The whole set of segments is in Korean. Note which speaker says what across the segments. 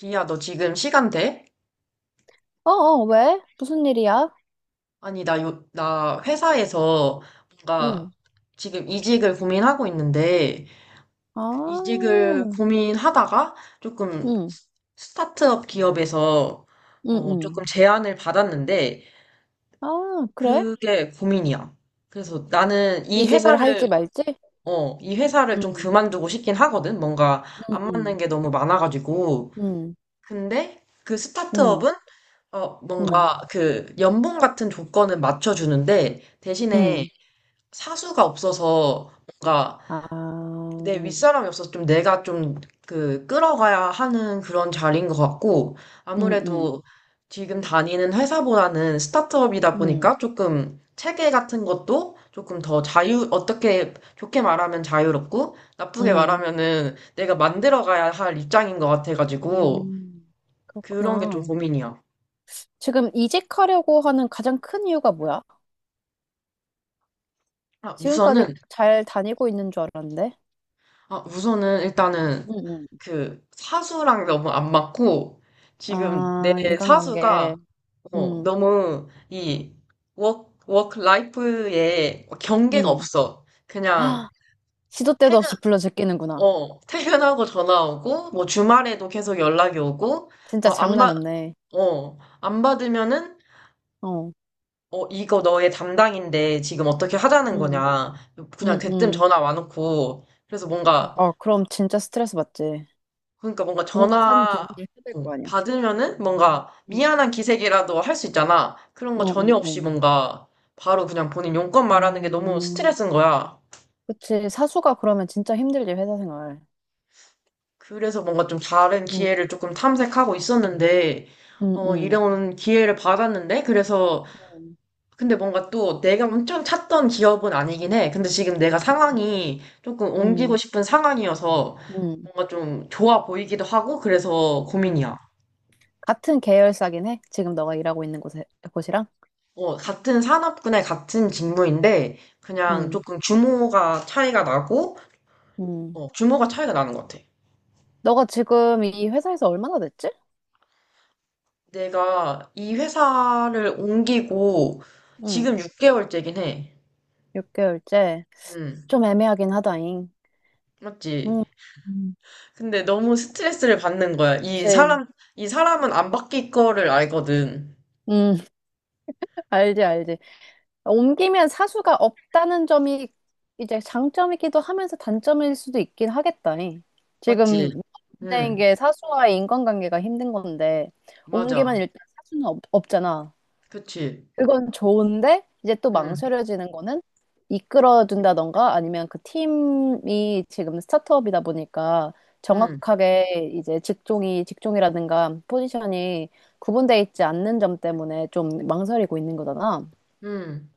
Speaker 1: 비야, 너 지금 시간 돼?
Speaker 2: 어, 어, 왜? 무슨 일이야?
Speaker 1: 아니, 나 회사에서 뭔가
Speaker 2: 응.
Speaker 1: 지금 이직을 고민하고 있는데, 그
Speaker 2: 아,
Speaker 1: 이직을 고민하다가 조금
Speaker 2: 응,
Speaker 1: 스타트업 기업에서
Speaker 2: 응,
Speaker 1: 조금
Speaker 2: 응.
Speaker 1: 제안을 받았는데,
Speaker 2: 아, 그래?
Speaker 1: 그게 고민이야. 그래서 나는 이
Speaker 2: 이직을
Speaker 1: 회사를,
Speaker 2: 할지 말지?
Speaker 1: 어, 이 회사를 좀
Speaker 2: 응,
Speaker 1: 그만두고 싶긴 하거든. 뭔가
Speaker 2: 응,
Speaker 1: 안 맞는
Speaker 2: 응,
Speaker 1: 게 너무 많아가지고.
Speaker 2: 응,
Speaker 1: 근데 그
Speaker 2: 응,
Speaker 1: 스타트업은
Speaker 2: 응,
Speaker 1: 뭔가 그 연봉 같은 조건은 맞춰주는데 대신에
Speaker 2: 응.
Speaker 1: 사수가 없어서 뭔가
Speaker 2: 아,
Speaker 1: 내
Speaker 2: 응,
Speaker 1: 윗사람이 없어서 좀 내가 좀 그 끌어가야 하는 그런 자리인 것 같고,
Speaker 2: 응,
Speaker 1: 아무래도 지금 다니는 회사보다는 스타트업이다
Speaker 2: 응,
Speaker 1: 보니까 조금 체계 같은 것도 조금 더 어떻게 좋게 말하면 자유롭고 나쁘게
Speaker 2: 응.
Speaker 1: 말하면은 내가 만들어가야 할 입장인 것 같아가지고
Speaker 2: 음,
Speaker 1: 그런 게 좀
Speaker 2: 그렇구나.
Speaker 1: 고민이야.
Speaker 2: 지금 이직하려고 하는 가장 큰 이유가 뭐야?
Speaker 1: 아,
Speaker 2: 지금까지
Speaker 1: 우선은
Speaker 2: 잘 다니고 있는 줄 알았는데?
Speaker 1: 아, 우선은 일단은
Speaker 2: 응, 응.
Speaker 1: 그 사수랑 너무 안 맞고, 지금 내
Speaker 2: 아,
Speaker 1: 사수가
Speaker 2: 인간관계. 응,
Speaker 1: 너무 이 워크 라이프에 경계가
Speaker 2: 응.
Speaker 1: 없어. 그냥
Speaker 2: 아, 시도 때도
Speaker 1: 퇴근,
Speaker 2: 없이 불러 제끼는구나.
Speaker 1: 퇴근하고 전화 오고 뭐 주말에도 계속 연락이 오고
Speaker 2: 진짜
Speaker 1: 뭐 안
Speaker 2: 장난
Speaker 1: 받,
Speaker 2: 없네.
Speaker 1: 어, 안 받으면은
Speaker 2: 어,
Speaker 1: 이거 너의 담당인데 지금 어떻게 하자는
Speaker 2: 음,
Speaker 1: 거냐. 그냥
Speaker 2: 음,
Speaker 1: 대뜸
Speaker 2: 음.
Speaker 1: 전화 와놓고. 그래서 뭔가
Speaker 2: 어, 그럼 진짜 스트레스 받지.
Speaker 1: 그러니까 뭔가
Speaker 2: 공과 사는 구분을
Speaker 1: 전화
Speaker 2: 해야 될 거 아니야.
Speaker 1: 받으면은 뭔가
Speaker 2: 음,
Speaker 1: 미안한 기색이라도 할 수 있잖아. 그런 거
Speaker 2: 어, 어,
Speaker 1: 전혀 없이
Speaker 2: 어.
Speaker 1: 뭔가 바로 그냥 본인 용건 말하는 게 너무
Speaker 2: 음,
Speaker 1: 스트레스인 거야.
Speaker 2: 그치. 사수가 그러면 진짜 힘들지, 회사 생활.
Speaker 1: 그래서 뭔가 좀 다른
Speaker 2: 음,
Speaker 1: 기회를 조금 탐색하고 있었는데,
Speaker 2: 음, 음,
Speaker 1: 이런 기회를 받았는데, 그래서,
Speaker 2: 음,
Speaker 1: 근데 뭔가 또 내가 엄청 찾던 기업은 아니긴 해. 근데 지금 내가
Speaker 2: 음,
Speaker 1: 상황이 조금 옮기고
Speaker 2: 음,
Speaker 1: 싶은 상황이어서
Speaker 2: 음.
Speaker 1: 뭔가 좀 좋아 보이기도 하고, 그래서
Speaker 2: 음.
Speaker 1: 고민이야.
Speaker 2: 같은 계열사긴 해? 지금 너가 일하고 있는 곳에, 곳이랑?
Speaker 1: 어, 같은 산업군의 같은 직무인데, 그냥
Speaker 2: 음,
Speaker 1: 조금 규모가 차이가 나고,
Speaker 2: 음.
Speaker 1: 규모가 차이가 나는 것 같아.
Speaker 2: 너가 지금 이 회사에서 얼마나 됐지?
Speaker 1: 내가 이 회사를 옮기고,
Speaker 2: 음,
Speaker 1: 지금 6개월째긴 해.
Speaker 2: 6개월째.
Speaker 1: 음,
Speaker 2: 좀 애매하긴 하다잉. 음,
Speaker 1: 맞지?
Speaker 2: 음.
Speaker 1: 근데 너무 스트레스를 받는 거야. 이
Speaker 2: 그치.
Speaker 1: 사람, 이 사람은 안 바뀔 거를 알거든.
Speaker 2: 음. 알지, 알지. 옮기면 사수가 없다는 점이 이제 장점이기도 하면서 단점일 수도 있긴 하겠다. 잉. 지금
Speaker 1: 맞지?
Speaker 2: 문제인
Speaker 1: 음,
Speaker 2: 게 사수와의 인간관계가 힘든 건데,
Speaker 1: 맞아.
Speaker 2: 옮기면 일단 사수는 없잖아.
Speaker 1: 그치?
Speaker 2: 그건 좋은데, 이제 또
Speaker 1: 음,
Speaker 2: 망설여지는 거는 이끌어준다던가 아니면 그 팀이 지금 스타트업이다 보니까
Speaker 1: 음,
Speaker 2: 정확하게 이제 직종이라든가 포지션이 구분돼 있지 않는 점 때문에 좀 망설이고 있는 거잖아.
Speaker 1: 음,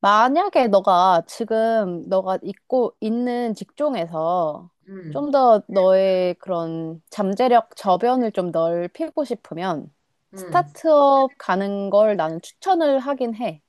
Speaker 2: 만약에 너가 지금 너가 있고 있는 직종에서
Speaker 1: 음,
Speaker 2: 좀 더 너의 그런 잠재력 저변을 좀 넓히고 싶으면
Speaker 1: 음.
Speaker 2: 스타트업 가는 걸 나는 추천을 하긴 해.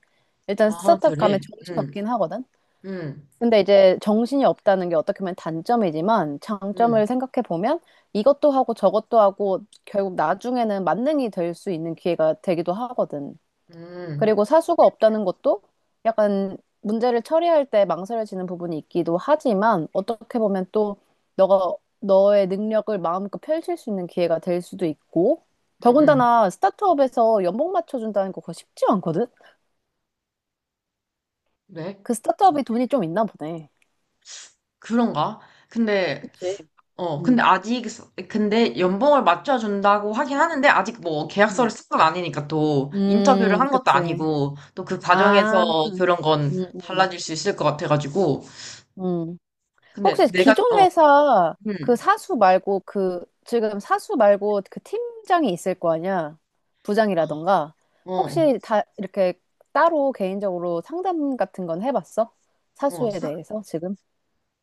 Speaker 2: 일단
Speaker 1: 아,
Speaker 2: 스타트업 가면
Speaker 1: 그래? 음,
Speaker 2: 정신없긴 하거든.
Speaker 1: 음,
Speaker 2: 근데 이제 정신이 없다는 게 어떻게 보면 단점이지만
Speaker 1: 음,
Speaker 2: 장점을 생각해 보면 이것도 하고 저것도 하고 결국 나중에는 만능이 될 수 있는 기회가 되기도 하거든.
Speaker 1: 음.
Speaker 2: 그리고 사수가 없다는 것도 약간 문제를 처리할 때 망설여지는 부분이 있기도 하지만 어떻게 보면 또 너가 너의 능력을 마음껏 펼칠 수 있는 기회가 될 수도 있고
Speaker 1: 음, 음.
Speaker 2: 더군다나 스타트업에서 연봉 맞춰준다는 거 그거 쉽지 않거든?
Speaker 1: 왜?
Speaker 2: 그 스타트업이 돈이 좀 있나 보네.
Speaker 1: 그런가? 근데,
Speaker 2: 그치.
Speaker 1: 근데
Speaker 2: 음,
Speaker 1: 아직, 근데 연봉을 맞춰준다고 하긴 하는데, 아직 뭐 계약서를
Speaker 2: 음,
Speaker 1: 쓴 건 아니니까 또 인터뷰를 한 것도
Speaker 2: 그치.
Speaker 1: 아니고, 또 그
Speaker 2: 아,
Speaker 1: 과정에서 그런 건
Speaker 2: 음,
Speaker 1: 달라질 수 있을 것 같아가지고.
Speaker 2: 음.
Speaker 1: 근데
Speaker 2: 혹시
Speaker 1: 내가,
Speaker 2: 기존 회사 그
Speaker 1: 음,
Speaker 2: 사수 말고 그 지금 사수 말고 그 팀장이 있을 거 아니야? 부장이라던가.
Speaker 1: 어,
Speaker 2: 혹시 다 이렇게 따로 개인적으로 상담 같은 건 해봤어?
Speaker 1: 어,
Speaker 2: 사수에
Speaker 1: 사-
Speaker 2: 대해서 지금?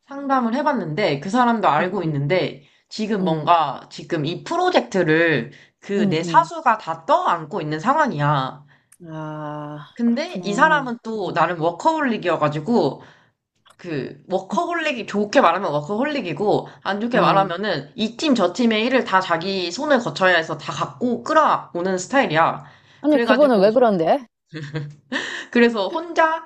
Speaker 1: 상담을 해봤는데, 그 사람도
Speaker 2: 응,
Speaker 1: 알고
Speaker 2: 응,
Speaker 1: 있는데, 지금
Speaker 2: 응,
Speaker 1: 뭔가, 지금 이 프로젝트를 그 내
Speaker 2: 응,
Speaker 1: 사수가 다 떠안고 있는 상황이야.
Speaker 2: 응. 아,
Speaker 1: 근데 이
Speaker 2: 그렇구나.
Speaker 1: 사람은 또
Speaker 2: 응,
Speaker 1: 나름 워커홀릭이어가지고, 그 워커홀릭이 좋게 말하면 워커홀릭이고 안 좋게
Speaker 2: 어.
Speaker 1: 말하면은 이 팀 저 팀의 일을 다 자기 손을 거쳐야 해서 다 갖고 끌어오는 스타일이야.
Speaker 2: 아니, 그분은
Speaker 1: 그래가지고
Speaker 2: 왜 그런데?
Speaker 1: 그래서 혼자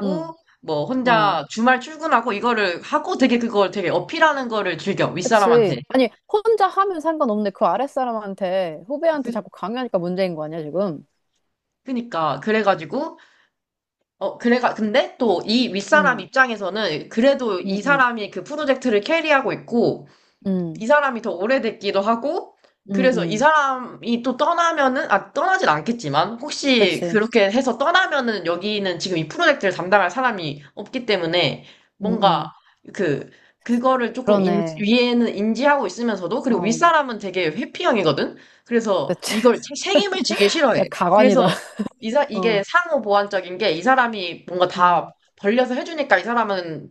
Speaker 2: 응,
Speaker 1: 뭐
Speaker 2: 어.
Speaker 1: 혼자 주말 출근하고, 이거를 하고 되게 그걸 되게 어필하는 거를 즐겨,
Speaker 2: 그치.
Speaker 1: 윗사람한테.
Speaker 2: 아니, 혼자 하면 상관없는데 그 아랫사람한테, 후배한테
Speaker 1: 그,
Speaker 2: 자꾸 강요하니까 문제인 거 아니야, 지금?
Speaker 1: 그니까 그래가지고 어 그래가 근데 또 이 윗사람
Speaker 2: 응,
Speaker 1: 입장에서는 그래도
Speaker 2: 응,
Speaker 1: 이
Speaker 2: 응.
Speaker 1: 사람이 그 프로젝트를 캐리하고 있고,
Speaker 2: 음,
Speaker 1: 이 사람이 더 오래됐기도 하고,
Speaker 2: 음,
Speaker 1: 그래서 이
Speaker 2: 음.
Speaker 1: 사람이 또 떠나면은, 아, 떠나진 않겠지만, 혹시
Speaker 2: 그치.
Speaker 1: 그렇게 해서 떠나면은 여기는 지금 이 프로젝트를 담당할 사람이 없기 때문에,
Speaker 2: 음,
Speaker 1: 뭔가
Speaker 2: 음.
Speaker 1: 그, 그거를
Speaker 2: 그러네.
Speaker 1: 위에는 인지하고 있으면서도, 그리고
Speaker 2: 어,
Speaker 1: 윗사람은 되게 회피형이거든? 그래서
Speaker 2: 그치.
Speaker 1: 이걸 책임을 지기 싫어해.
Speaker 2: 진짜
Speaker 1: 그래서
Speaker 2: 가관이다.
Speaker 1: 이게
Speaker 2: 어,
Speaker 1: 상호 보완적인 게 이 사람이 뭔가
Speaker 2: 어.
Speaker 1: 다 벌려서 해주니까 이 사람은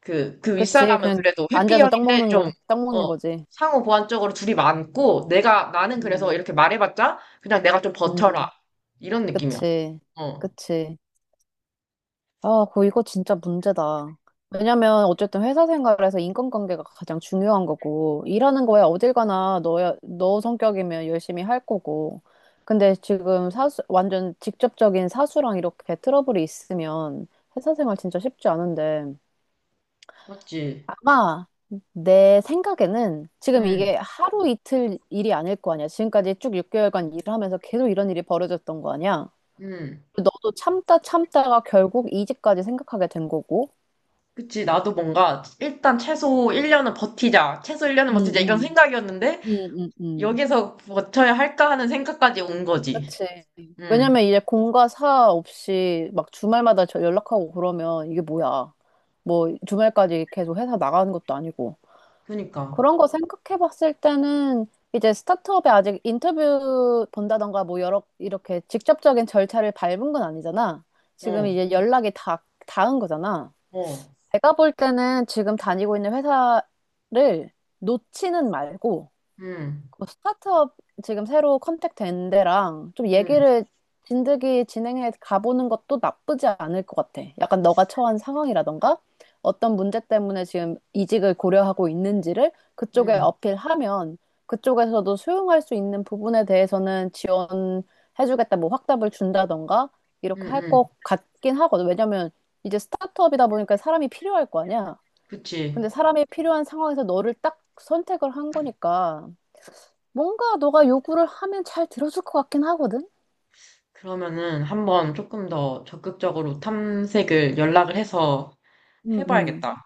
Speaker 1: 그
Speaker 2: 그치.
Speaker 1: 윗사람은
Speaker 2: 그냥
Speaker 1: 그래도
Speaker 2: 앉아서 떡
Speaker 1: 회피형인데
Speaker 2: 먹는
Speaker 1: 좀,
Speaker 2: 거, 떡
Speaker 1: 어,
Speaker 2: 먹는 거지.
Speaker 1: 상호 보완적으로 둘이 많고, 나는 그래서
Speaker 2: 음,
Speaker 1: 이렇게 말해봤자, 그냥 내가 좀 버텨라.
Speaker 2: 음.
Speaker 1: 이런 느낌이야.
Speaker 2: 그치.
Speaker 1: 어,
Speaker 2: 그치. 아, 그 이거 진짜 문제다. 왜냐면 어쨌든 회사 생활에서 인간관계가 가장 중요한 거고 일하는 거야 어딜 가나 너야 너 성격이면 열심히 할 거고. 근데 지금 사수 완전 직접적인 사수랑 이렇게 트러블이 있으면 회사 생활 진짜 쉽지 않은데
Speaker 1: 맞지?
Speaker 2: 아마 내 생각에는 지금
Speaker 1: 응,
Speaker 2: 이게 하루 이틀 일이 아닐 거 아니야. 지금까지 쭉 6개월간 일을 하면서 계속 이런 일이 벌어졌던 거 아니야.
Speaker 1: 응.
Speaker 2: 너도 참다 참다가 결국 이직까지 생각하게 된 거고.
Speaker 1: 그치, 나도 뭔가, 일단 최소 1년은 버티자. 최소 1년은
Speaker 2: 응,
Speaker 1: 버티자. 이런
Speaker 2: 응,
Speaker 1: 생각이었는데,
Speaker 2: 응, 응.
Speaker 1: 여기서 버텨야 할까 하는 생각까지 온 거지.
Speaker 2: 그치.
Speaker 1: 응,
Speaker 2: 왜냐면 이제 공과 사 없이 막 주말마다 저 연락하고 그러면 이게 뭐야. 뭐 주말까지 계속 회사 나가는 것도 아니고.
Speaker 1: 그니까.
Speaker 2: 그런 거 생각해 봤을 때는 이제 스타트업에 아직 인터뷰 본다던가 뭐 여러, 이렇게 직접적인 절차를 밟은 건 아니잖아. 지금
Speaker 1: 어,
Speaker 2: 이제 연락이 닿은 거잖아.
Speaker 1: 어,
Speaker 2: 내가 볼 때는 지금 다니고 있는 회사를 놓지는 말고
Speaker 1: 응,
Speaker 2: 그 스타트업 지금 새로 컨택 된 데랑 좀
Speaker 1: 응,
Speaker 2: 얘기를 진득이 진행해 가보는 것도 나쁘지 않을 것 같아. 약간 너가 처한 상황이라던가 어떤 문제 때문에 지금 이직을 고려하고 있는지를 그쪽에
Speaker 1: 응,
Speaker 2: 어필하면 그쪽에서도 수용할 수 있는 부분에 대해서는 지원해주겠다, 뭐 확답을 준다던가
Speaker 1: 응,
Speaker 2: 이렇게 할 것
Speaker 1: 응.
Speaker 2: 같긴 하거든. 왜냐면 이제 스타트업이다 보니까 사람이 필요할 거 아니야.
Speaker 1: 그치.
Speaker 2: 근데 사람이 필요한 상황에서 너를 딱 선택을 한 거니까. 뭔가 너가 요구를 하면 잘 들어줄 것 같긴 하거든?
Speaker 1: 그러면은 한번 조금 더 적극적으로 탐색을 연락을 해서
Speaker 2: 응, 응.
Speaker 1: 해봐야겠다.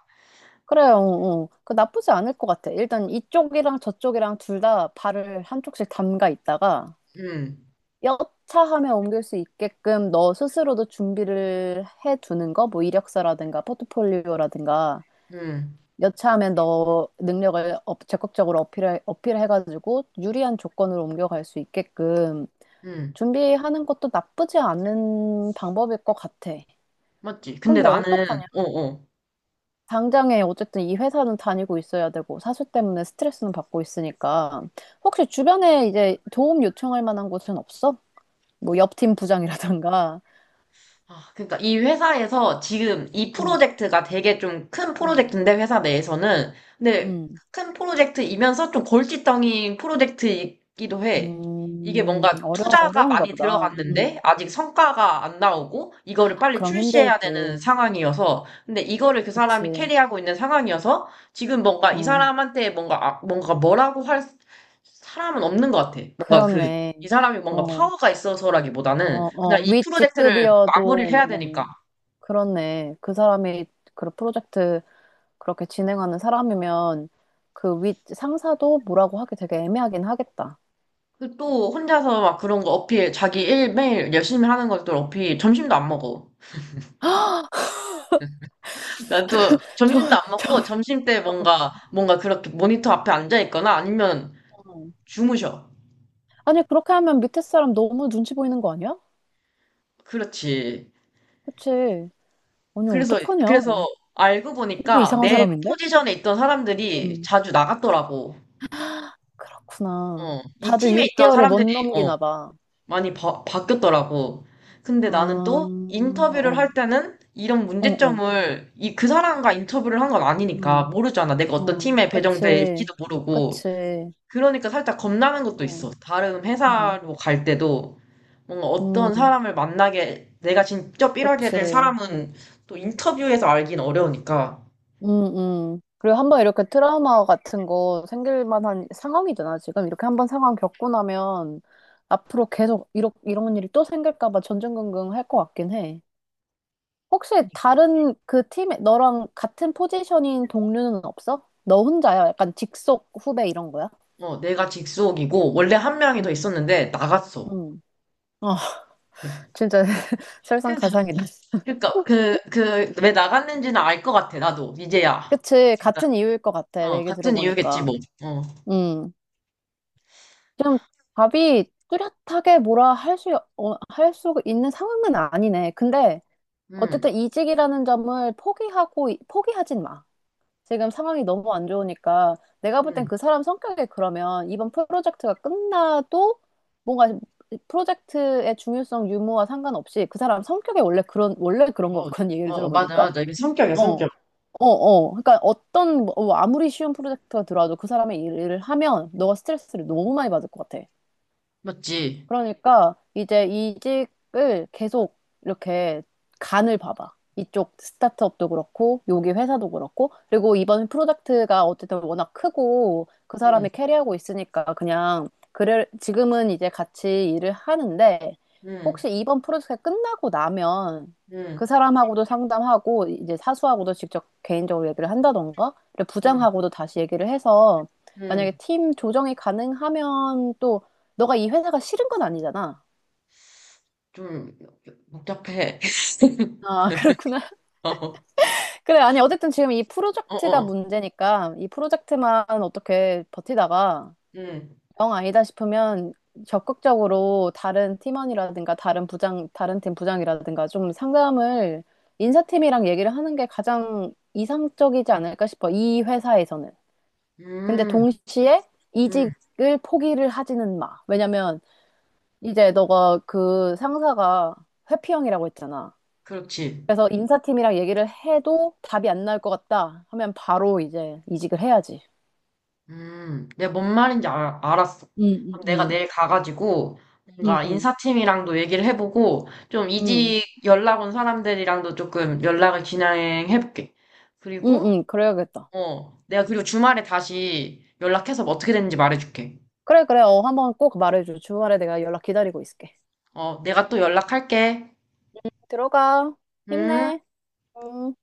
Speaker 2: 그래요, 어, 어. 그 나쁘지 않을 것 같아. 일단 이쪽이랑 저쪽이랑 둘 다 발을 한쪽씩 담가 있다가
Speaker 1: 음,
Speaker 2: 여차하면 옮길 수 있게끔 너 스스로도 준비를 해두는 거, 뭐 이력서라든가 포트폴리오라든가
Speaker 1: 응,
Speaker 2: 여차하면 너 능력을 적극적으로 어필해가지고 유리한 조건으로 옮겨갈 수 있게끔
Speaker 1: 응,
Speaker 2: 준비하는 것도 나쁘지 않은 방법일 것 같아.
Speaker 1: 맞지? 근데
Speaker 2: 근데
Speaker 1: 나는,
Speaker 2: 어떡하냐?
Speaker 1: 어, 어,
Speaker 2: 당장에 어쨌든 이 회사는 다니고 있어야 되고 사수 때문에 스트레스는 받고 있으니까 혹시 주변에 이제 도움 요청할 만한 곳은 없어? 뭐 옆 팀 부장이라던가.
Speaker 1: 아, 그러니까 이 회사에서 지금 이
Speaker 2: 음,
Speaker 1: 프로젝트가 되게 좀 큰
Speaker 2: 음,
Speaker 1: 프로젝트인데 회사 내에서는, 근데
Speaker 2: 음,
Speaker 1: 큰 프로젝트이면서 좀 골칫덩이 프로젝트이기도 해. 이게 뭔가
Speaker 2: 어려,
Speaker 1: 투자가
Speaker 2: 어려운가
Speaker 1: 많이
Speaker 2: 보다.
Speaker 1: 들어갔는데 아직 성과가 안 나오고 이거를 빨리
Speaker 2: 그럼
Speaker 1: 출시해야 되는
Speaker 2: 힘들지.
Speaker 1: 상황이어서, 근데 이거를 그 사람이
Speaker 2: 그치.
Speaker 1: 캐리하고 있는 상황이어서 지금 뭔가 이
Speaker 2: 어,
Speaker 1: 사람한테 뭔가 뭔가 뭐라고 할 사람은 없는 것 같아. 뭔가 그
Speaker 2: 그렇네.
Speaker 1: 이 사람이 뭔가
Speaker 2: 어,
Speaker 1: 파워가
Speaker 2: 어,
Speaker 1: 있어서라기보다는 그냥
Speaker 2: 어,
Speaker 1: 이
Speaker 2: 윗
Speaker 1: 프로젝트를 마무리를
Speaker 2: 직급이어도,
Speaker 1: 해야 되니까.
Speaker 2: 어, 그렇네. 그 사람이 그 프로젝트 그렇게 진행하는 사람이면 그 윗 상사도 뭐라고 하기 되게 애매하긴 하겠다.
Speaker 1: 그또 혼자서 막 그런 거 어필, 자기 일 매일 열심히 하는 것들 어필, 점심도 안 먹어. 난 또
Speaker 2: 저,
Speaker 1: 점심도 안
Speaker 2: 저,
Speaker 1: 먹고 점심 때 뭔가, 그렇게 모니터 앞에 앉아 있거나 아니면
Speaker 2: 어.
Speaker 1: 주무셔.
Speaker 2: 아니, 그렇게 하면 밑에 사람 너무 눈치 보이는 거 아니야?
Speaker 1: 그렇지.
Speaker 2: 그치. 아니,
Speaker 1: 그래서,
Speaker 2: 어떡하냐.
Speaker 1: 그래서 알고
Speaker 2: 되게
Speaker 1: 보니까
Speaker 2: 이상한
Speaker 1: 내
Speaker 2: 사람인데?
Speaker 1: 포지션에 있던 사람들이
Speaker 2: 응.
Speaker 1: 자주 나갔더라고.
Speaker 2: 그렇구나.
Speaker 1: 어, 이
Speaker 2: 다들
Speaker 1: 팀에 있던
Speaker 2: 6개월을 못
Speaker 1: 사람들이, 어,
Speaker 2: 넘기나 봐.
Speaker 1: 많이 바, 바뀌었더라고. 근데
Speaker 2: 아,
Speaker 1: 나는 또 인터뷰를
Speaker 2: 어,
Speaker 1: 할 때는 이런
Speaker 2: 어, 어,
Speaker 1: 문제점을 이, 그 사람과 인터뷰를 한 건 아니니까
Speaker 2: 어,
Speaker 1: 모르잖아. 내가 어떤
Speaker 2: 어.
Speaker 1: 팀에
Speaker 2: 그치.
Speaker 1: 배정될지도 모르고.
Speaker 2: 그치.
Speaker 1: 그러니까 살짝 겁나는 것도
Speaker 2: 어,
Speaker 1: 있어. 다른
Speaker 2: 음,
Speaker 1: 회사로 갈 때도 뭔가 어떤
Speaker 2: 음,
Speaker 1: 사람을 만나게, 내가 직접 일하게
Speaker 2: 그치.
Speaker 1: 될 사람은 또 인터뷰에서 알긴 어려우니까.
Speaker 2: 그리고 한번 이렇게 트라우마 같은 거 생길 만한 상황이잖아, 지금. 이렇게 한번 상황 겪고 나면 앞으로 계속 이런 일이 또 생길까 봐 전전긍긍 할 것 같긴 해. 혹시 다른 그 팀에 너랑 같은 포지션인 동료는 없어? 너 혼자야? 약간 직속 후배 이런 거야?
Speaker 1: 어, 내가 직속이고 원래 한 명이 더
Speaker 2: 음.
Speaker 1: 있었는데 나갔어.
Speaker 2: 음. 어, 진짜 설상가상이다.
Speaker 1: 그러니까 그 왜 나갔는지는 알 것 같아, 나도 이제야.
Speaker 2: 그치,
Speaker 1: 그러니까
Speaker 2: 같은 이유일 것 같아, 내 얘기
Speaker 1: 같은 이유겠지.
Speaker 2: 들어보니까. 음. 지금 답이 뚜렷하게 뭐라 할 수, 어, 할 수 있는 상황은 아니네. 근데
Speaker 1: 뭐어음음어어
Speaker 2: 어쨌든 이직이라는 점을 포기하진 마. 지금 상황이 너무 안 좋으니까 내가 볼 땐 그 사람 성격에 그러면 이번 프로젝트가 끝나도 뭔가 프로젝트의 중요성 유무와 상관없이 그 사람 성격에 원래 그런 것 같거든, 얘기를
Speaker 1: 맞아
Speaker 2: 들어보니까.
Speaker 1: 맞아, 이게 성격이야,
Speaker 2: 어.
Speaker 1: 성격.
Speaker 2: 어, 어. 그러니까 어떤, 뭐, 아무리 쉬운 프로젝트가 들어와도 그 사람의 일을 하면 너가 스트레스를 너무 많이 받을 것 같아.
Speaker 1: 맞지.
Speaker 2: 그러니까 이제 이직을 계속 이렇게 간을 봐봐. 이쪽 스타트업도 그렇고, 여기 회사도 그렇고, 그리고 이번 프로젝트가 어쨌든 워낙 크고, 그 사람이
Speaker 1: 음
Speaker 2: 캐리하고 있으니까 그냥, 그래, 지금은 이제 같이 일을 하는데,
Speaker 1: 음
Speaker 2: 혹시 이번 프로젝트가 끝나고 나면
Speaker 1: 음
Speaker 2: 그 사람하고도 상담하고, 이제 사수하고도 직접 개인적으로 얘기를 한다던가, 그리고
Speaker 1: 음
Speaker 2: 부장하고도 다시 얘기를 해서, 만약에
Speaker 1: 음
Speaker 2: 팀 조정이 가능하면 또 너가 이 회사가 싫은 건 아니잖아.
Speaker 1: 좀 복잡해.
Speaker 2: 아, 그렇구나. 그래, 아니, 어쨌든 지금 이 프로젝트가
Speaker 1: 어어어음음음
Speaker 2: 문제니까 이 프로젝트만 어떻게 버티다가 영 아니다 싶으면 적극적으로 다른 팀원이라든가 다른 부장, 다른 팀 부장이라든가 좀 상담을 인사팀이랑 얘기를 하는 게 가장 이상적이지 않을까 싶어. 이 회사에서는. 근데 동시에 이직을 포기를 하지는 마. 왜냐면 이제 너가 그 상사가 회피형이라고 했잖아.
Speaker 1: 그렇지.
Speaker 2: 그래서 인사팀이랑 얘기를 해도 답이 안 나올 것 같다 하면 바로 이제 이직을 해야지.
Speaker 1: 내가 뭔 말인지 알았어.
Speaker 2: 응응
Speaker 1: 그럼 내가
Speaker 2: 응,
Speaker 1: 내일 가가지고 뭔가
Speaker 2: 응,
Speaker 1: 인사팀이랑도 얘기를 해보고 좀
Speaker 2: 응,
Speaker 1: 이직 연락 온 사람들이랑도 조금 연락을 진행해볼게.
Speaker 2: 응,
Speaker 1: 그리고
Speaker 2: 응, 그래야겠다.
Speaker 1: 내가, 그리고 주말에 다시 연락해서 뭐 어떻게 됐는지 말해줄게.
Speaker 2: 그래, 그래. 어, 한번 꼭 말해줘. 주말에 내가 연락 기다리고 있을게.
Speaker 1: 내가 또 연락할게.
Speaker 2: 들어가.
Speaker 1: 음.
Speaker 2: 힘내. 응.